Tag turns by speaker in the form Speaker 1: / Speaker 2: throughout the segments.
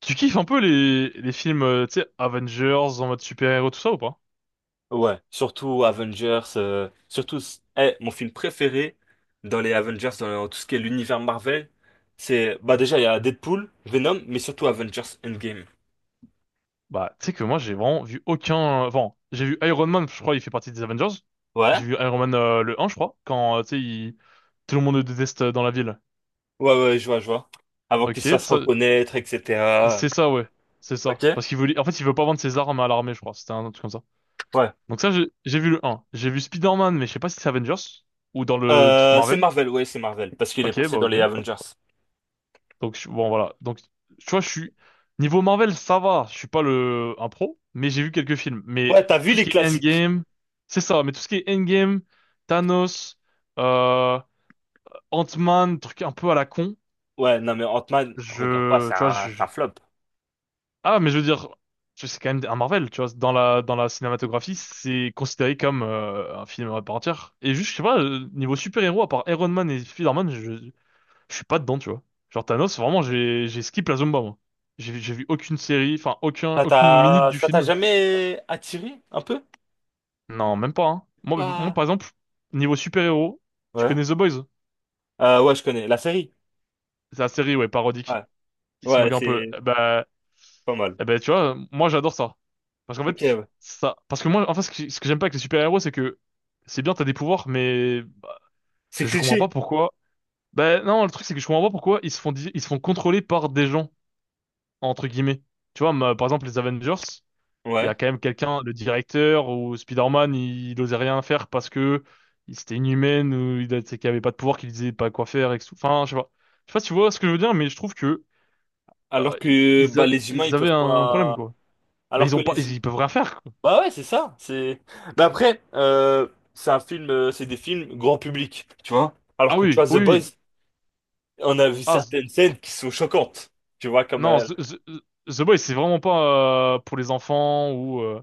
Speaker 1: Tu kiffes un peu les films, tu sais, Avengers en mode super-héros, tout ça ou pas?
Speaker 2: Ouais, surtout Avengers, surtout, mon film préféré dans les Avengers, dans tout ce qui est l'univers Marvel, c'est, bah déjà, il y a Deadpool, Venom, mais surtout Avengers Endgame.
Speaker 1: Bah, tu sais que moi, j'ai vraiment vu aucun... Enfin, j'ai vu Iron Man, je crois, il fait partie des Avengers. J'ai
Speaker 2: Ouais?
Speaker 1: vu Iron Man le 1, je crois, quand, tu sais, tout le monde le déteste dans la ville.
Speaker 2: Ouais, ouais, je vois, je vois. Avant qu'il se
Speaker 1: Ok,
Speaker 2: fasse
Speaker 1: ça...
Speaker 2: reconnaître, etc.
Speaker 1: c'est ça, ouais. C'est ça.
Speaker 2: Ok?
Speaker 1: Parce qu'il veut... En fait, il veut pas vendre ses armes à l'armée, je crois. C'était un truc comme ça.
Speaker 2: Ouais.
Speaker 1: Donc ça, j'ai vu le 1. J'ai vu Spider-Man, mais je sais pas si c'est Avengers ou dans le truc
Speaker 2: C'est
Speaker 1: Marvel.
Speaker 2: Marvel, ouais, c'est Marvel, parce qu'il est
Speaker 1: Ok,
Speaker 2: passé
Speaker 1: bah
Speaker 2: dans
Speaker 1: ok.
Speaker 2: les Avengers.
Speaker 1: Donc, bon, voilà. Donc, tu vois, je suis. Niveau Marvel, ça va. Je suis pas le... un pro, mais j'ai vu quelques films. Mais
Speaker 2: Ouais, t'as vu
Speaker 1: tout ce
Speaker 2: les
Speaker 1: qui est
Speaker 2: classiques.
Speaker 1: Endgame, c'est ça. Mais tout ce qui est Endgame, Thanos, euh, Ant-Man, truc un peu à la con.
Speaker 2: Ouais, non, mais Ant-Man, regarde pas,
Speaker 1: Je. Tu vois.
Speaker 2: c'est un flop.
Speaker 1: Ah, mais je veux dire, c'est quand même un Marvel, tu vois. Dans la cinématographie, c'est considéré comme un film à part entière. Et juste, je sais pas, niveau super-héros, à part Iron Man et Spider-Man, je... Je suis pas dedans, tu vois. Genre Thanos, vraiment, j'ai skip la Zumba, moi. J'ai vu aucune série, enfin aucun aucune minute du
Speaker 2: Ça t'a
Speaker 1: film.
Speaker 2: jamais attiré, un peu?
Speaker 1: Non, même pas, hein. Moi, moi
Speaker 2: Pas.
Speaker 1: par exemple, niveau super-héros, tu
Speaker 2: Ouais.
Speaker 1: connais The Boys?
Speaker 2: Ouais, je connais. La série?
Speaker 1: C'est la série, ouais, parodique,
Speaker 2: Ouais,
Speaker 1: qui se
Speaker 2: ouais,
Speaker 1: moque un peu.
Speaker 2: c'est
Speaker 1: Eh Bah,
Speaker 2: pas mal.
Speaker 1: eh ben, tu vois, moi j'adore ça. Parce qu'en
Speaker 2: Ok,
Speaker 1: fait,
Speaker 2: ouais.
Speaker 1: ça. Parce que moi, en fait, ce que j'aime pas avec les super-héros, c'est que c'est bien, t'as des pouvoirs, mais bah,
Speaker 2: C'est
Speaker 1: je comprends pas
Speaker 2: cliché.
Speaker 1: pourquoi. Bah non, le truc, c'est que je comprends pas pourquoi ils se font, ils se font contrôler par des gens, entre guillemets. Tu vois, par exemple, les Avengers. Il y a
Speaker 2: Ouais.
Speaker 1: quand même quelqu'un, le directeur ou Spider-Man, il osait rien faire parce que c'était inhumaine ou c'est qu'il avait pas de pouvoir, qu'il disait pas quoi faire et que tout. Enfin, je sais pas. Je sais pas si tu vois ce que je veux dire, mais je trouve que
Speaker 2: Alors que bah les humains ils
Speaker 1: ils avaient
Speaker 2: peuvent
Speaker 1: un problème
Speaker 2: pas.
Speaker 1: quoi. Ben
Speaker 2: Alors
Speaker 1: ils
Speaker 2: que
Speaker 1: ont pas,
Speaker 2: les.
Speaker 1: ils, ils peuvent rien faire quoi.
Speaker 2: Bah ouais, c'est ça. C'est. Mais après, c'est un film, c'est des films grand public, tu vois. Alors
Speaker 1: Ah
Speaker 2: que tu
Speaker 1: oui,
Speaker 2: vois The
Speaker 1: oui,
Speaker 2: Boys,
Speaker 1: oui.
Speaker 2: on a vu
Speaker 1: Ah,
Speaker 2: certaines scènes qui sont choquantes, tu vois comme.
Speaker 1: non, The Boys c'est vraiment pas pour les enfants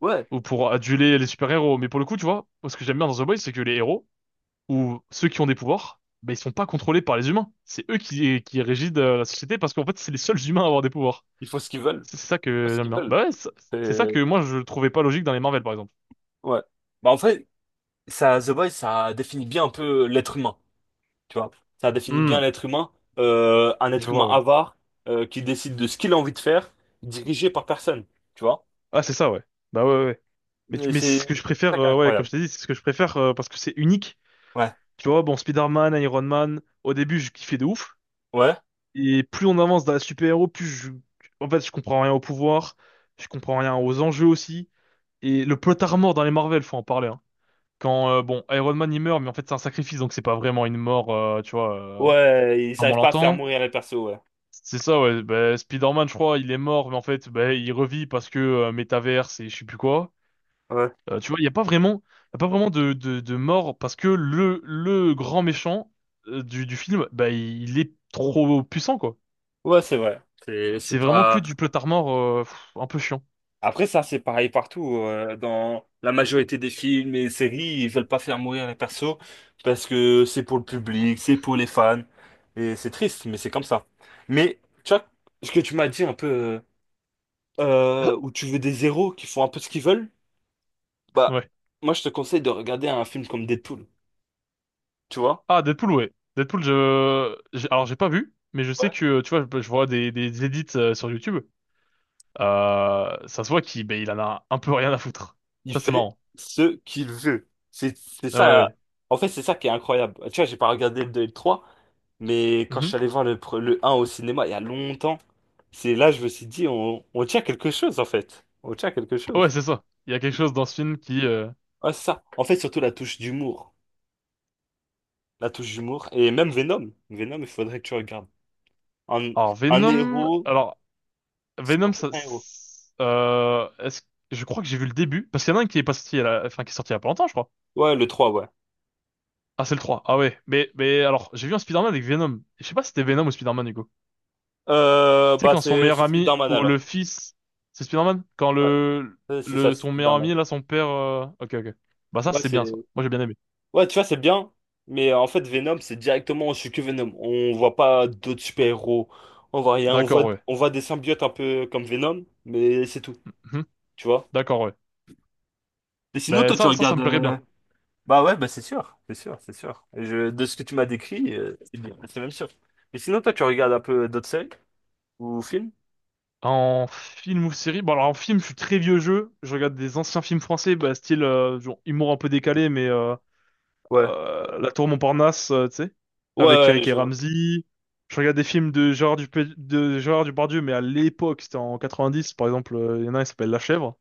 Speaker 2: Ouais,
Speaker 1: ou pour aduler les super-héros, mais pour le coup, tu vois, ce que j'aime bien dans The Boys, c'est que les héros où ceux qui ont des pouvoirs, ben, ils sont pas contrôlés par les humains. C'est eux qui régissent la société parce qu'en fait, c'est les seuls humains à avoir des pouvoirs.
Speaker 2: ils font ce qu'ils veulent,
Speaker 1: C'est ça
Speaker 2: ils font
Speaker 1: que
Speaker 2: ce
Speaker 1: j'aime
Speaker 2: qu'ils
Speaker 1: bien.
Speaker 2: veulent.
Speaker 1: Bah ouais, c'est ça
Speaker 2: Et...
Speaker 1: que moi je trouvais pas logique dans les Marvel par exemple.
Speaker 2: Ouais. Bah en fait, ça, The Boys, ça définit bien un peu l'être humain. Tu vois, ça définit bien
Speaker 1: Hmm,
Speaker 2: l'être humain. Un
Speaker 1: je
Speaker 2: être humain
Speaker 1: vois, ouais.
Speaker 2: avare qui décide de ce qu'il a envie de faire, dirigé par personne. Tu vois?
Speaker 1: Ah, c'est ça, ouais. Bah ouais, ouais. Ouais. Mais,
Speaker 2: Et
Speaker 1: mais
Speaker 2: c'est
Speaker 1: c'est ce que je préfère,
Speaker 2: ça qui est
Speaker 1: ouais, comme
Speaker 2: incroyable.
Speaker 1: je t'ai dit, c'est ce que je préfère parce que c'est unique.
Speaker 2: Ouais.
Speaker 1: Tu vois, bon, Spider-Man, Iron Man, au début, je kiffais de ouf.
Speaker 2: Ouais.
Speaker 1: Et plus on avance dans la super-héros, plus je... En fait, je comprends rien au pouvoir, je comprends rien aux enjeux aussi. Et le plot armor dans les Marvel, faut en parler, hein. Quand, bon, Iron Man, il meurt, mais en fait, c'est un sacrifice, donc c'est pas vraiment une mort, tu vois,
Speaker 2: Ouais, ils
Speaker 1: comme on
Speaker 2: n'arrivent pas à faire
Speaker 1: l'entend.
Speaker 2: mourir les persos, ouais.
Speaker 1: C'est ça, ouais. Bah, Spider-Man, je crois, il est mort, mais en fait, bah, il revit parce que métaverse et je sais plus quoi.
Speaker 2: Ouais.
Speaker 1: Tu vois, il y a pas vraiment, y a pas vraiment de mort parce que le grand méchant du film, bah, il, est trop puissant, quoi.
Speaker 2: Ouais, c'est vrai. C'est
Speaker 1: C'est vraiment que
Speaker 2: pas.
Speaker 1: du plotard mort, un peu chiant.
Speaker 2: Après, ça, c'est pareil partout. Dans la majorité des films et séries, ils veulent pas faire mourir les persos parce que c'est pour le public, c'est pour les fans. Et c'est triste, mais c'est comme ça. Mais, tu vois, ce que tu m'as dit un peu. Où tu veux des héros qui font un peu ce qu'ils veulent, bah,
Speaker 1: Ouais.
Speaker 2: moi, je te conseille de regarder un film comme Deadpool, tu vois?
Speaker 1: Ah, Deadpool, ouais. Deadpool, je... Alors, j'ai pas vu, mais je sais
Speaker 2: Ouais.
Speaker 1: que, tu vois, je vois des, edits sur YouTube. Ça se voit qu'il ben, il en a un peu rien à foutre.
Speaker 2: Il
Speaker 1: Ça, c'est
Speaker 2: fait
Speaker 1: marrant.
Speaker 2: ce qu'il veut. C'est
Speaker 1: Ah
Speaker 2: ça,
Speaker 1: ouais,
Speaker 2: en fait, c'est ça qui est incroyable. Tu vois, j'ai pas regardé le 2 et le 3, mais
Speaker 1: ouais.
Speaker 2: quand je
Speaker 1: Mhm.
Speaker 2: suis allé voir le un au cinéma il y a longtemps, c'est là, je me suis dit, on tient quelque chose, en fait. On tient quelque
Speaker 1: Ouais,
Speaker 2: chose.
Speaker 1: c'est ça. Il y a quelque chose dans ce film qui...
Speaker 2: Ouais, c'est ça. En fait, surtout la touche d'humour. La touche d'humour. Et même Venom. Venom, il faudrait que tu regardes. Un,
Speaker 1: Alors,
Speaker 2: un
Speaker 1: Venom...
Speaker 2: héros
Speaker 1: Alors, Venom,
Speaker 2: sans être
Speaker 1: ça...
Speaker 2: un héros.
Speaker 1: Est-ce... Je crois que j'ai vu le début. Parce qu'il y en a un qui est pas sorti, enfin, qui est sorti il y a pas longtemps, je crois.
Speaker 2: Ouais, le 3 ouais.
Speaker 1: Ah, c'est le trois. Ah ouais. Mais alors, j'ai vu un Spider-Man avec Venom. Je sais pas si c'était Venom ou Spider-Man, Hugo. Tu sais,
Speaker 2: Bah
Speaker 1: quand son
Speaker 2: c'est
Speaker 1: meilleur
Speaker 2: c'est
Speaker 1: ami
Speaker 2: Spider-Man
Speaker 1: ou le
Speaker 2: alors.
Speaker 1: fils... C'est Spider-Man? Quand
Speaker 2: Ouais,
Speaker 1: le...
Speaker 2: c'est ça,
Speaker 1: le...
Speaker 2: c'est
Speaker 1: Son meilleur
Speaker 2: Spider-Man.
Speaker 1: ami, là, son père... Ok, ok. Bah ça,
Speaker 2: Ouais,
Speaker 1: c'est
Speaker 2: c'est
Speaker 1: bien, ça. Moi, j'ai bien aimé.
Speaker 2: ouais, tu vois, c'est bien, mais en fait Venom, c'est directement je suis que Venom. On voit pas d'autres super-héros. On voit rien, on
Speaker 1: D'accord,
Speaker 2: voit
Speaker 1: ouais.
Speaker 2: on voit des symbiotes un peu comme Venom, mais c'est tout,
Speaker 1: Mhm.
Speaker 2: tu vois.
Speaker 1: D'accord, ouais.
Speaker 2: Et sinon
Speaker 1: Ben
Speaker 2: toi tu
Speaker 1: ça
Speaker 2: regardes
Speaker 1: me plairait bien.
Speaker 2: bah ouais, bah c'est sûr, c'est sûr, c'est sûr. Et je... De ce que tu m'as décrit, c'est bien, c'est même sûr. Mais sinon toi tu regardes un peu d'autres séries ou films?
Speaker 1: En film ou série, bon alors en film, je suis très vieux jeu. Je regarde des anciens films français, bah, style genre, humour un peu décalé, mais
Speaker 2: Ouais.
Speaker 1: La Tour Montparnasse, tu sais, avec
Speaker 2: Ouais, ouais,
Speaker 1: Eric et
Speaker 2: je vois.
Speaker 1: Ramzy. Je regarde des films de Gérard Depardieu, mais à l'époque, c'était en 90, par exemple, il y en a un qui s'appelle La Chèvre,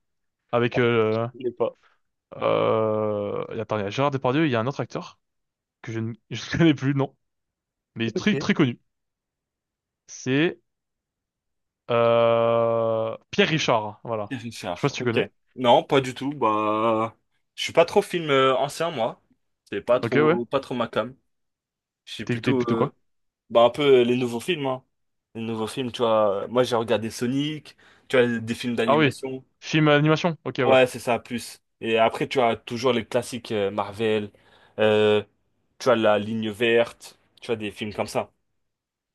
Speaker 1: avec
Speaker 2: Je connais pas.
Speaker 1: et attends, il y a Gérard Depardieu, il y a un autre acteur que je ne je ne connais plus, non, mais
Speaker 2: Ok.
Speaker 1: très très connu. C'est Pierre Richard, voilà.
Speaker 2: Pierre
Speaker 1: Je sais pas
Speaker 2: Richard,
Speaker 1: si tu
Speaker 2: ok.
Speaker 1: connais.
Speaker 2: Non, pas du tout. Bah, je suis pas trop film ancien, moi. C'est pas
Speaker 1: Ok, ouais.
Speaker 2: trop, pas trop ma came. Je suis
Speaker 1: T'es
Speaker 2: plutôt,
Speaker 1: plutôt quoi?
Speaker 2: bah, un peu les nouveaux films, hein. Les nouveaux films, tu vois. Moi, j'ai regardé Sonic, tu vois, des films
Speaker 1: Ah oui.
Speaker 2: d'animation.
Speaker 1: Film animation. Ok, ouais.
Speaker 2: Ouais, c'est ça, plus. Et après, tu as toujours les classiques Marvel, euh, tu as La Ligne Verte, tu vois, des films comme ça.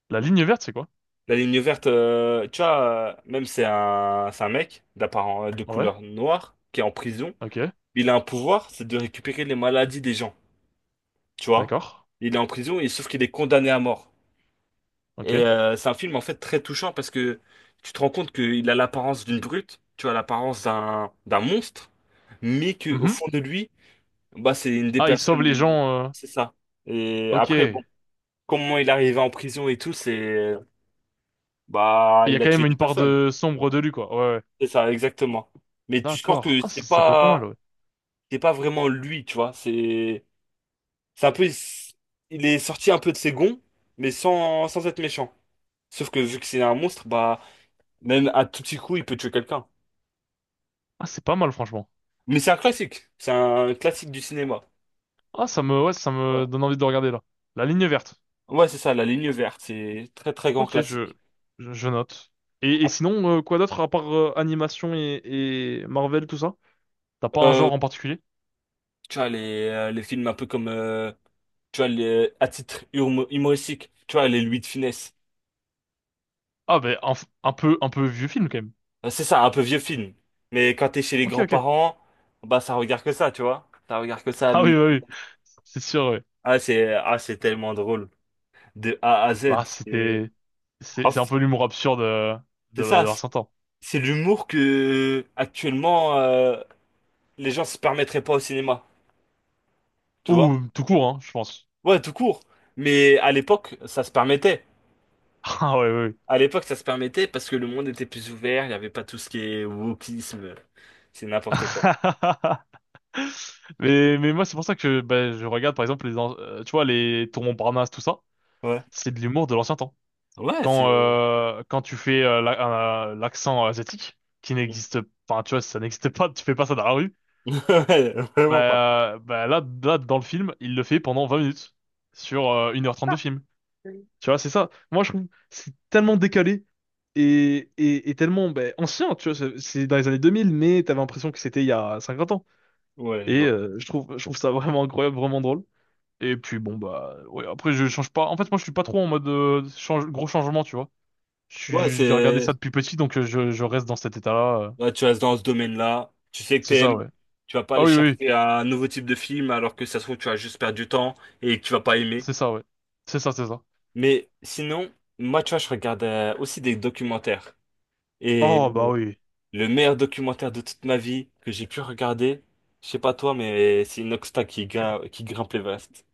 Speaker 1: La ligne verte, c'est quoi?
Speaker 2: La Ligne Verte, tu vois, même c'est un mec d'apparence, de
Speaker 1: Ouais.
Speaker 2: couleur noire qui est en prison.
Speaker 1: Ok.
Speaker 2: Il a un pouvoir, c'est de récupérer les maladies des gens, tu vois.
Speaker 1: D'accord.
Speaker 2: Il est en prison et sauf qu'il est condamné à mort.
Speaker 1: Ok.
Speaker 2: Et c'est un film en fait très touchant parce que tu te rends compte qu'il a l'apparence d'une brute, tu as l'apparence d'un monstre, mais que au fond
Speaker 1: Mhm.
Speaker 2: de lui, bah c'est une des
Speaker 1: Ah, il sauve
Speaker 2: personnes,
Speaker 1: les gens.
Speaker 2: c'est ça. Et après bon,
Speaker 1: Ok.
Speaker 2: comment il est arrivé en prison et tout, c'est bah
Speaker 1: Il y a
Speaker 2: il a
Speaker 1: quand
Speaker 2: tué
Speaker 1: même
Speaker 2: des
Speaker 1: une part
Speaker 2: personnes,
Speaker 1: de sombre de lui, quoi. Ouais, ouais.
Speaker 2: c'est ça exactement. Mais tu sens
Speaker 1: D'accord.
Speaker 2: que
Speaker 1: Ah,
Speaker 2: c'est
Speaker 1: ça peut être pas mal,
Speaker 2: pas
Speaker 1: ouais.
Speaker 2: c'est pas vraiment lui, tu vois, c'est un peu, il est sorti un peu de ses gonds, mais sans, sans être méchant. Sauf que vu que c'est un monstre, bah, même à tout petit coup, il peut tuer quelqu'un.
Speaker 1: Ah, c'est pas mal, franchement.
Speaker 2: Mais c'est un classique. C'est un classique du cinéma.
Speaker 1: Ah, ça me, ouais, ça me
Speaker 2: Voilà.
Speaker 1: donne envie de le regarder, là. La ligne verte.
Speaker 2: Ouais, c'est ça, La Ligne Verte. C'est très, très grand
Speaker 1: Ok, je,
Speaker 2: classique.
Speaker 1: je note. Et, sinon, quoi d'autre à part animation et Marvel, tout ça? T'as pas un
Speaker 2: Euh,
Speaker 1: genre en particulier?
Speaker 2: Tu vois, les films un peu comme, tu vois, à titre humoristique, tu vois, les Louis de Funès.
Speaker 1: Ah, ben, un peu vieux film, quand même.
Speaker 2: C'est ça, un peu vieux film. Mais quand t'es chez les
Speaker 1: Ok, ok.
Speaker 2: grands-parents, bah, ça regarde que ça, tu vois. Ça regarde que ça,
Speaker 1: Ah oui,
Speaker 2: Louis.
Speaker 1: bah oui, c'est sûr, oui.
Speaker 2: Ah, ah, c'est tellement drôle. De A à Z.
Speaker 1: Bah,
Speaker 2: C'est
Speaker 1: c'était, c'est
Speaker 2: en
Speaker 1: c'est un
Speaker 2: fait,
Speaker 1: peu l'humour absurde
Speaker 2: c'est
Speaker 1: de
Speaker 2: ça, c'est
Speaker 1: l'ancien temps.
Speaker 2: c'est l'humour que actuellement les gens se permettraient pas au cinéma, tu vois?
Speaker 1: Ou tout court, hein, je pense.
Speaker 2: Ouais, tout court. Mais à l'époque, ça se permettait.
Speaker 1: Ah ouais, ouais.
Speaker 2: À l'époque, ça se permettait parce que le monde était plus ouvert, il n'y avait pas tout ce qui est wokisme, c'est n'importe quoi.
Speaker 1: Ouais. Mais moi, c'est pour ça que bah, je regarde, par exemple, tu vois, les tourments Montparnasse, tout ça,
Speaker 2: Ouais.
Speaker 1: c'est de l'humour de l'ancien temps.
Speaker 2: Ouais, c'est...
Speaker 1: Quand, euh, quand tu fais l'accent asiatique, qui n'existe, enfin, tu vois, ça n'existe pas, tu fais pas ça dans la rue,
Speaker 2: Ouais, vraiment pas.
Speaker 1: bah, là, là, dans le film, il le fait pendant 20 minutes, sur 1h30 de film. Tu vois, c'est ça. Moi, je trouve que c'est tellement décalé et, et tellement ben, ancien. Tu vois, c'est dans les années 2000, mais t'avais l'impression que c'était il y a 50 ans.
Speaker 2: Ouais, je
Speaker 1: Et
Speaker 2: vois.
Speaker 1: euh, je trouve ça vraiment incroyable, vraiment drôle. Et puis bon bah ouais, après je change pas. En fait, moi, je suis pas trop en mode gros changement, tu vois.
Speaker 2: Ouais,
Speaker 1: J'ai regardé
Speaker 2: c'est...
Speaker 1: ça depuis petit, donc je reste dans cet état-là.
Speaker 2: Ouais, tu restes dans ce domaine-là. Tu sais que
Speaker 1: C'est ça,
Speaker 2: t'aimes.
Speaker 1: ouais.
Speaker 2: Tu vas pas
Speaker 1: Ah
Speaker 2: aller
Speaker 1: oui, oui, oui.
Speaker 2: chercher un nouveau type de film alors que ça se trouve tu vas juste perdre du temps et que tu vas pas aimer.
Speaker 1: C'est ça, ouais. C'est ça, c'est ça.
Speaker 2: Mais sinon, moi tu vois, je regarde aussi des documentaires. Et
Speaker 1: Oh bah oui.
Speaker 2: le meilleur documentaire de toute ma vie que j'ai pu regarder, je sais pas toi, mais c'est Inoxtag qui grimpe l'Everest.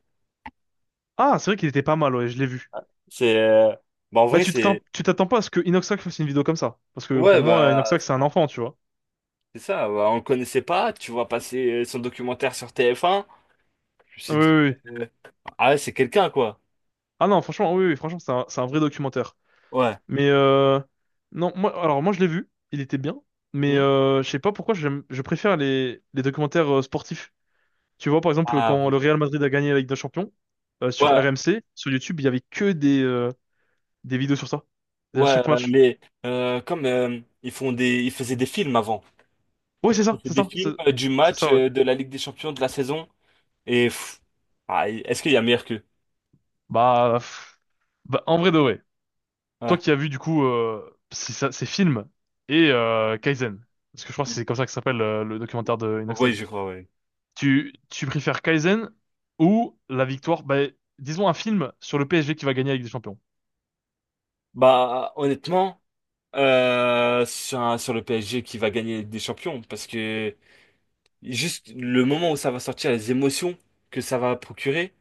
Speaker 1: Ah, c'est vrai qu'il était pas mal, ouais, je l'ai vu.
Speaker 2: C'est, bah, en
Speaker 1: Bah,
Speaker 2: vrai
Speaker 1: tu
Speaker 2: c'est,
Speaker 1: t'attends, tu t'attends pas à ce que Inoxac fasse une vidéo comme ça. Parce que pour
Speaker 2: ouais
Speaker 1: moi,
Speaker 2: bah
Speaker 1: Inoxac,
Speaker 2: c'est
Speaker 1: c'est un
Speaker 2: ça.
Speaker 1: enfant, tu vois.
Speaker 2: C'est ça, bah, on le connaissait pas. Tu vois passer son documentaire sur TF1. Je me
Speaker 1: Oui,
Speaker 2: suis dit,
Speaker 1: oui, oui.
Speaker 2: euh, ah ouais, c'est quelqu'un quoi.
Speaker 1: Ah non, franchement, oui, oui, franchement, c'est un vrai documentaire.
Speaker 2: Ouais.
Speaker 1: Mais non, moi, alors moi, je l'ai vu, il était bien. Mais
Speaker 2: Hmm?
Speaker 1: je sais pas pourquoi je préfère les documentaires sportifs. Tu vois, par exemple,
Speaker 2: Ah
Speaker 1: quand le
Speaker 2: oui.
Speaker 1: Real Madrid a gagné la Ligue des Champions, sur
Speaker 2: Ouais,
Speaker 1: RMC, sur YouTube, il y avait que des vidéos sur ça. À
Speaker 2: ouais,
Speaker 1: chaque match.
Speaker 2: comme ils font des, ils faisaient des films avant.
Speaker 1: Oui, c'est
Speaker 2: Ils
Speaker 1: ça,
Speaker 2: faisaient
Speaker 1: c'est
Speaker 2: des
Speaker 1: ça, c'est
Speaker 2: films du
Speaker 1: c'est
Speaker 2: match
Speaker 1: ça, ouais.
Speaker 2: de la Ligue des Champions de la saison. Et pff, ah, est-ce qu'il y a meilleur qu'eux?
Speaker 1: Bah, pff, bah, en vrai de vrai. Toi
Speaker 2: Ouais.
Speaker 1: qui as vu du coup ces films et Kaizen, parce que je crois que c'est comme ça que s'appelle le documentaire de
Speaker 2: Oui,
Speaker 1: Inoxtag.
Speaker 2: je crois, oui.
Speaker 1: Tu préfères Kaizen ou la victoire, bah, disons un film sur le PSG qui va gagner avec des Champions.
Speaker 2: Bah, honnêtement, sur le PSG qui va gagner la Ligue des Champions, parce que juste le moment où ça va sortir, les émotions que ça va procurer,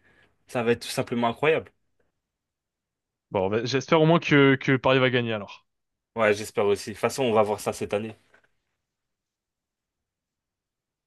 Speaker 2: ça va être tout simplement incroyable.
Speaker 1: Bon, bah, j'espère au moins que Paris va gagner alors.
Speaker 2: Ouais, j'espère aussi. De toute façon, on va voir ça cette année.